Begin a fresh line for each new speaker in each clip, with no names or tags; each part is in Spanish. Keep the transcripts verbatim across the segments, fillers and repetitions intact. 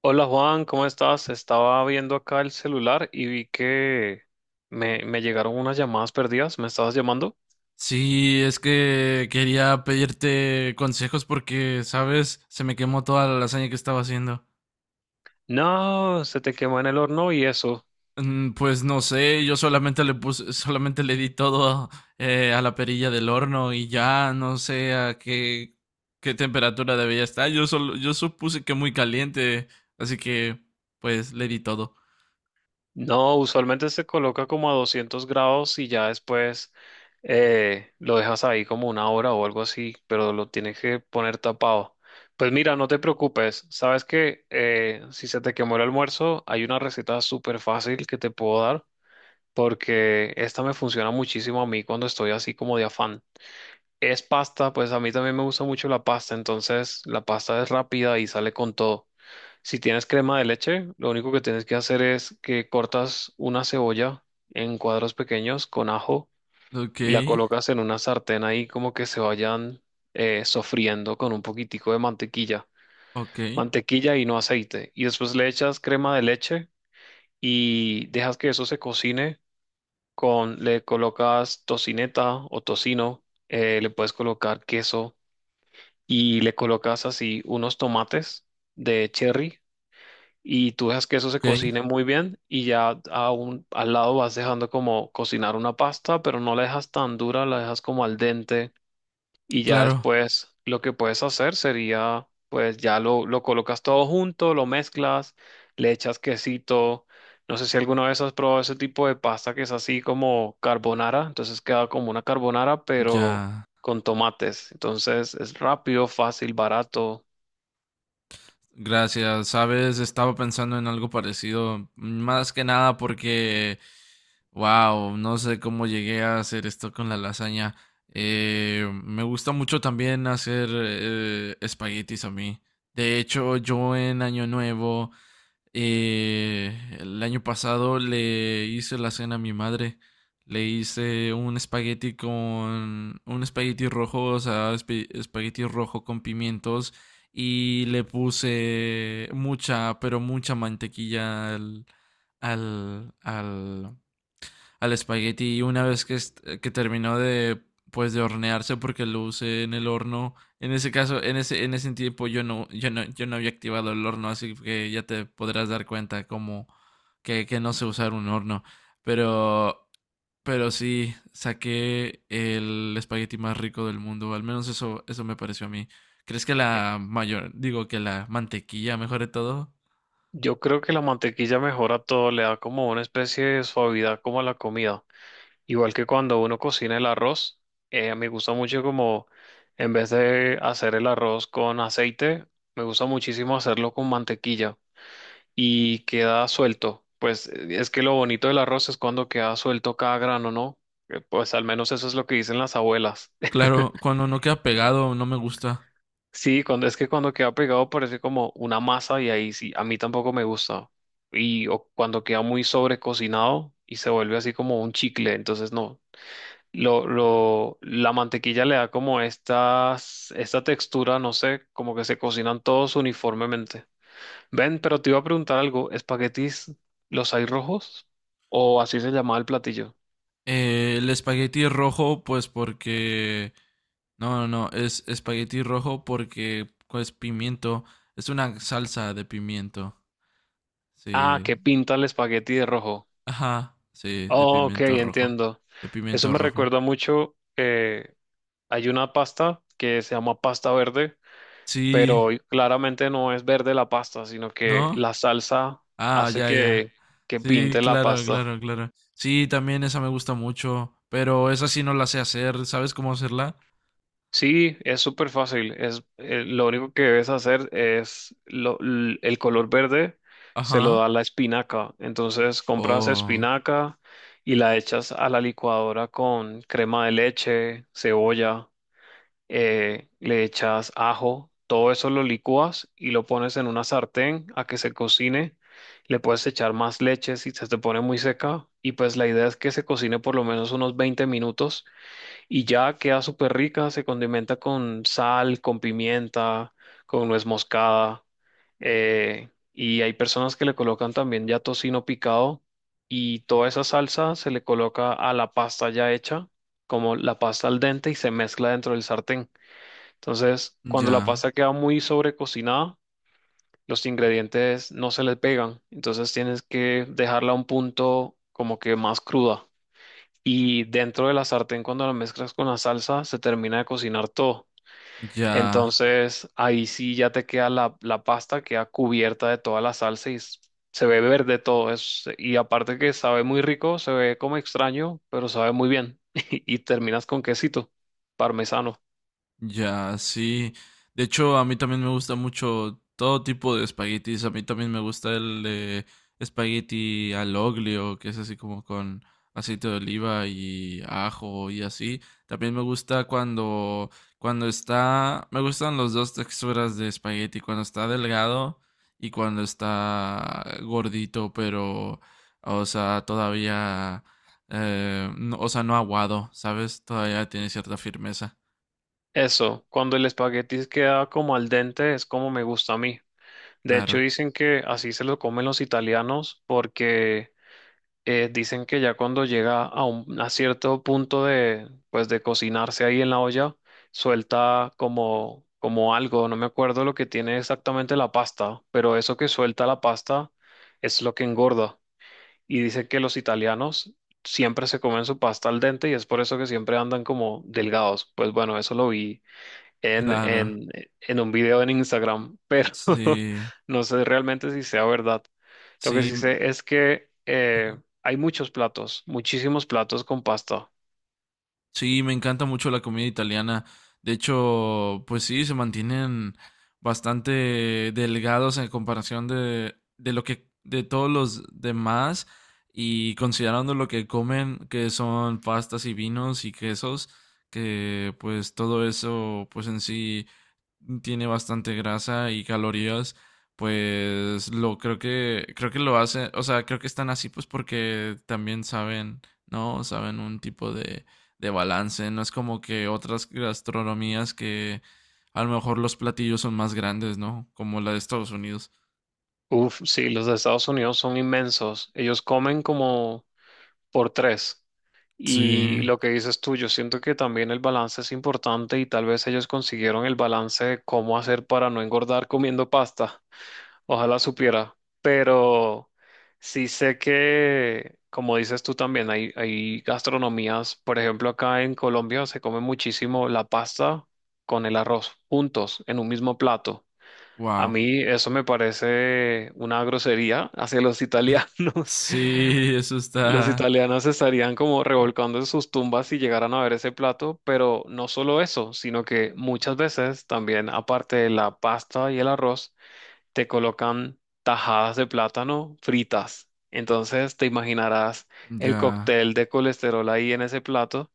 Hola Juan, ¿cómo estás? Estaba viendo acá el celular y vi que me, me llegaron unas llamadas perdidas. ¿Me estabas llamando?
Sí, es que quería pedirte consejos porque, sabes, se me quemó toda la lasaña que estaba haciendo.
No, se te quemó en el horno y eso.
Mm, pues no sé, yo solamente le puse, solamente le di todo eh, a la perilla del horno y ya no sé a qué, qué temperatura debía estar. Yo solo, yo supuse que muy caliente, así que pues le di todo.
No, usualmente se coloca como a doscientos grados y ya después eh, lo dejas ahí como una hora o algo así, pero lo tienes que poner tapado. Pues mira, no te preocupes. Sabes que eh, si se te quemó el almuerzo, hay una receta súper fácil que te puedo dar porque esta me funciona muchísimo a mí cuando estoy así como de afán. Es pasta, pues a mí también me gusta mucho la pasta, entonces la pasta es rápida y sale con todo. Si tienes crema de leche, lo único que tienes que hacer es que cortas una cebolla en cuadros pequeños con ajo
Ok,
y la colocas en una sartén ahí como que se vayan eh, sofriendo con un poquitico de mantequilla,
ok,
mantequilla y no aceite. Y después le echas crema de leche y dejas que eso se cocine con, le colocas tocineta o tocino, eh, le puedes colocar queso y le colocas así unos tomates de cherry y tú dejas que eso se
ok,
cocine muy bien y ya a un- al lado vas dejando como cocinar una pasta, pero no la dejas tan dura, la dejas como al dente y ya
claro,
después lo que puedes hacer sería, pues ya lo, lo colocas todo junto, lo mezclas, le echas quesito. No sé si alguna vez has probado ese tipo de pasta que es así como carbonara, entonces queda como una carbonara, pero
ya.
con tomates. Entonces es rápido, fácil, barato.
Gracias, sabes, estaba pensando en algo parecido, más que nada porque, wow, no sé cómo llegué a hacer esto con la lasaña. Eh, me gusta mucho también hacer eh, espaguetis a mí. De hecho, yo en Año Nuevo, eh, el año pasado le hice la cena a mi madre. Le hice un espagueti con un espagueti rojo, o sea, espe- espagueti rojo con pimientos y le puse mucha, pero mucha mantequilla al al al al espagueti, y una vez que, est- que terminó de pues de hornearse porque lo usé en el horno. En ese caso, en ese en ese tiempo yo no yo no yo no había activado el horno, así que ya te podrás dar cuenta como que, que no sé usar un horno, pero pero sí saqué el espagueti más rico del mundo, al menos eso eso me pareció a mí. ¿Crees que la mayor, digo que la mantequilla mejore todo?
Yo creo que la mantequilla mejora todo, le da como una especie de suavidad como a la comida. Igual que cuando uno cocina el arroz, eh, me gusta mucho como en vez de hacer el arroz con aceite, me gusta muchísimo hacerlo con mantequilla y queda suelto. Pues eh, es que lo bonito del arroz es cuando queda suelto cada grano, ¿no? Eh, Pues al menos eso es lo que dicen las abuelas.
Claro, cuando no queda pegado no me gusta.
Sí, cuando es que cuando queda pegado parece como una masa y ahí sí, a mí tampoco me gusta. Y o cuando queda muy sobrecocinado y se vuelve así como un chicle, entonces no. Lo, lo, la mantequilla le da como estas, esta textura, no sé, como que se cocinan todos uniformemente. Ven, pero te iba a preguntar algo, ¿espaguetis los hay rojos? ¿O así se llamaba el platillo?
Eh, el espagueti rojo, pues porque... No, no, no, es espagueti rojo porque pues pimiento. Es una salsa de pimiento.
Ah,
Sí.
que pinta el espagueti de rojo.
Ajá, sí, de
Oh, ok,
pimiento rojo.
entiendo.
De
Eso
pimiento
me
rojo.
recuerda mucho, eh, hay una pasta que se llama pasta verde,
Sí,
pero claramente no es verde la pasta, sino que
¿no?
la salsa
Ah,
hace
ya, ya.
que, que
Sí,
pinte la
claro,
pasta.
claro, claro. Sí, también esa me gusta mucho, pero esa sí no la sé hacer. ¿Sabes cómo hacerla?
Sí, es súper fácil. Es, eh, lo único que debes hacer es lo- l- el color verde, se lo
Ajá.
da la espinaca. Entonces compras
Oh,
espinaca y la echas a la licuadora con crema de leche, cebolla, eh, le echas ajo, todo eso lo licúas y lo pones en una sartén a que se cocine. Le puedes echar más leche si se te pone muy seca y pues la idea es que se cocine por lo menos unos veinte minutos y ya queda súper rica, se condimenta con sal, con pimienta, con nuez moscada, eh, y hay personas que le colocan también ya tocino picado y toda esa salsa se le coloca a la pasta ya hecha, como la pasta al dente y se mezcla dentro del sartén. Entonces, cuando la
ya,
pasta queda muy sobrecocinada, los ingredientes no se le pegan, entonces tienes que dejarla a un punto como que más cruda y dentro de la sartén cuando la mezclas con la salsa se termina de cocinar todo.
ya.
Entonces ahí sí ya te queda la, la pasta, queda cubierta de toda la salsa y s- se ve verde todo eso. Y aparte que sabe muy rico, se ve como extraño, pero sabe muy bien. Y terminas con quesito parmesano.
Ya, sí. De hecho, a mí también me gusta mucho todo tipo de espaguetis. A mí también me gusta el de espagueti al oglio, que es así como con aceite de oliva y ajo y así. También me gusta cuando, cuando está, me gustan las dos texturas de espagueti, cuando está delgado y cuando está gordito, pero, o sea, todavía, eh, no- o sea, no aguado, ¿sabes? Todavía tiene cierta firmeza.
Eso, cuando el espagueti queda como al dente es como me gusta a mí. De hecho
Claro.
dicen que así se lo comen los italianos porque eh, dicen que ya cuando llega a un a cierto punto de, pues, de cocinarse ahí en la olla, suelta como, como algo, no me acuerdo lo que tiene exactamente la pasta, pero eso que suelta la pasta es lo que engorda. Y dicen que los italianos siempre se comen su pasta al dente y es por eso que siempre andan como delgados. Pues bueno, eso lo vi en,
Claro,
en, en un video en Instagram, pero
sí,
no sé realmente si sea verdad. Lo que
sí,
sí
m-
sé es que eh, hay muchos platos, muchísimos platos con pasta.
sí, me encanta mucho la comida italiana. De hecho, pues sí, se mantienen bastante delgados en comparación de, de lo que, de todos los demás y considerando lo que comen, que son pastas y vinos y quesos, que pues todo eso, pues en sí, tiene bastante grasa y calorías, pues lo creo que creo que lo hacen, o sea, creo que están así pues porque también saben, ¿no? Saben un tipo de de balance, no es como que otras gastronomías que a lo mejor los platillos son más grandes, ¿no? Como la de Estados Unidos.
Uf, sí, los de Estados Unidos son inmensos. Ellos comen como por tres.
Sí,
Y lo que dices tú, yo siento que también el balance es importante y tal vez ellos consiguieron el balance de cómo hacer para no engordar comiendo pasta. Ojalá supiera, pero sí sé que, como dices tú también, hay, hay gastronomías, por ejemplo, acá en Colombia se come muchísimo la pasta con el arroz juntos en un mismo plato. A
wow.
mí eso me parece una grosería hacia los italianos.
Sí, eso
Los
está
italianos estarían como revolcando en sus tumbas si llegaran a ver ese plato, pero no solo eso, sino que muchas veces también, aparte de la pasta y el arroz, te colocan tajadas de plátano fritas. Entonces te imaginarás el
ya,
cóctel de colesterol ahí en ese plato,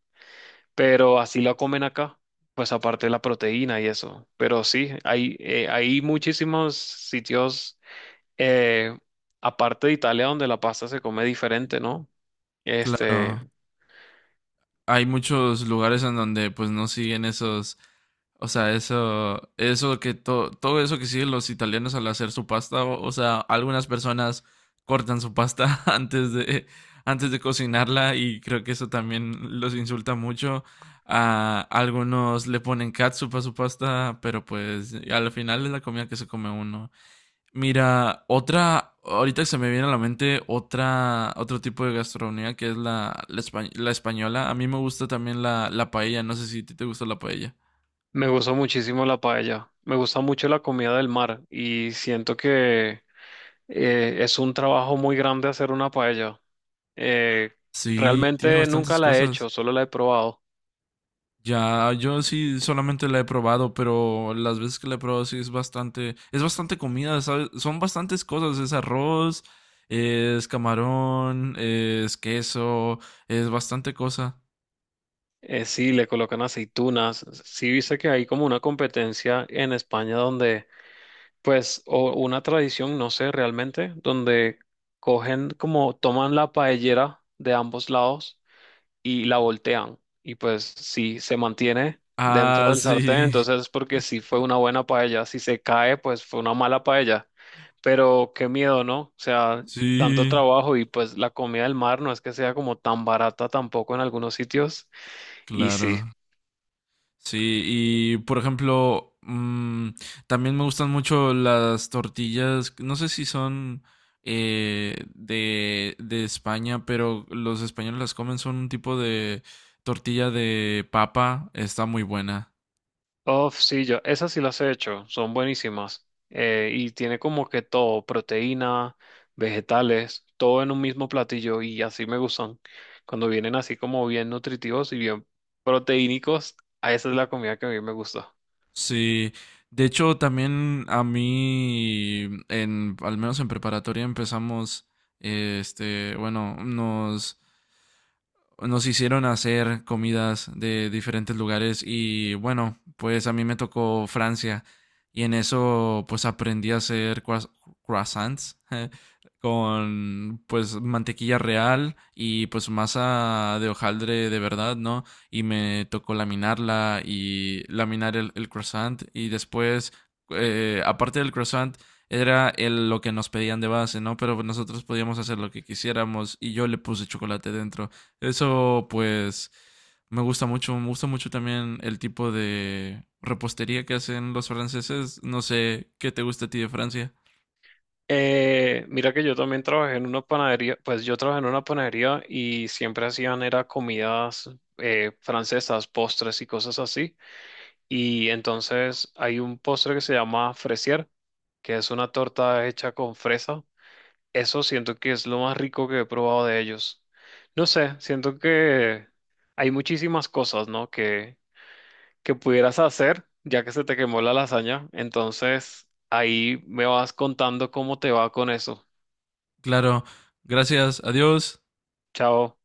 pero así la comen acá, pues aparte de la proteína y eso. Pero sí, hay, eh, hay muchísimos sitios, eh, aparte de Italia, donde la pasta se come diferente, ¿no? Este,
claro. Hay muchos lugares en donde pues no siguen esos, o sea, eso, eso que to- todo eso que siguen los italianos al hacer su pasta, o, o sea, algunas personas cortan su pasta antes de, antes de cocinarla y creo que eso también los insulta mucho. A algunos le ponen catsup a su pasta, pero pues al final es la comida que se come uno. Mira, otra, ahorita se me viene a la mente otra, otro tipo de gastronomía que es la, la, espa- la española. A mí me gusta también la, la paella, no sé si a ti te gusta la paella.
me gustó muchísimo la paella, me gusta mucho la comida del mar y siento que eh, es un trabajo muy grande hacer una paella. Eh,
Sí, tiene
realmente nunca
bastantes
la he
cosas.
hecho, solo la he probado.
Ya, yo sí solamente la he probado, pero las veces que la he probado sí es bastante, es bastante comida, ¿sabes? Son bastantes cosas, es arroz, es camarón, es queso, es bastante cosa.
Eh, sí, le colocan aceitunas. Sí, viste que hay como una competencia en España donde, pues, o una tradición, no sé realmente, donde cogen como, toman la paellera de ambos lados y la voltean. Y pues, si se mantiene dentro
Ah,
del sartén,
sí,
entonces es porque sí fue una buena paella. Si se cae, pues fue una mala paella. Pero qué miedo, ¿no? O sea, tanto
sí,
trabajo y pues la comida del mar no es que sea como tan barata tampoco en algunos sitios. Y sí.
claro. Sí, y por ejemplo, mm, también me gustan mucho las tortillas, no sé si son eh, de, de España, pero los españoles las comen, son un tipo de tortilla de papa, está muy buena.
Oh, sí, yo, esas sí las he hecho, son buenísimas. Eh, y tiene como que todo, proteína, vegetales, todo en un mismo platillo y así me gustan. Cuando vienen así como bien nutritivos y bien proteínicos, a esa es la comida que a mí me gusta.
Sí, de hecho también a mí, en, al menos en preparatoria empezamos, eh, este, bueno, nos nos hicieron hacer comidas de diferentes lugares y bueno, pues a mí me tocó Francia y en eso pues aprendí a hacer croiss- croissants con pues mantequilla real y pues masa de hojaldre de verdad, ¿no? Y me tocó laminarla y laminar el, el croissant y después eh, aparte del croissant era el, lo que nos pedían de base, ¿no? Pero nosotros podíamos hacer lo que quisiéramos y yo le puse chocolate dentro. Eso pues me gusta mucho, me gusta mucho también el tipo de repostería que hacen los franceses. No sé qué te gusta a ti de Francia.
Eh, mira que yo también trabajé en una panadería, pues yo trabajé en una panadería y siempre hacían era comidas eh, francesas, postres y cosas así. Y entonces hay un postre que se llama fresier, que es una torta hecha con fresa. Eso siento que es lo más rico que he probado de ellos. No sé, siento que hay muchísimas cosas, ¿no? Que, que pudieras hacer ya que se te quemó la lasaña. Entonces ahí me vas contando cómo te va con eso.
Claro, gracias, adiós.
Chao.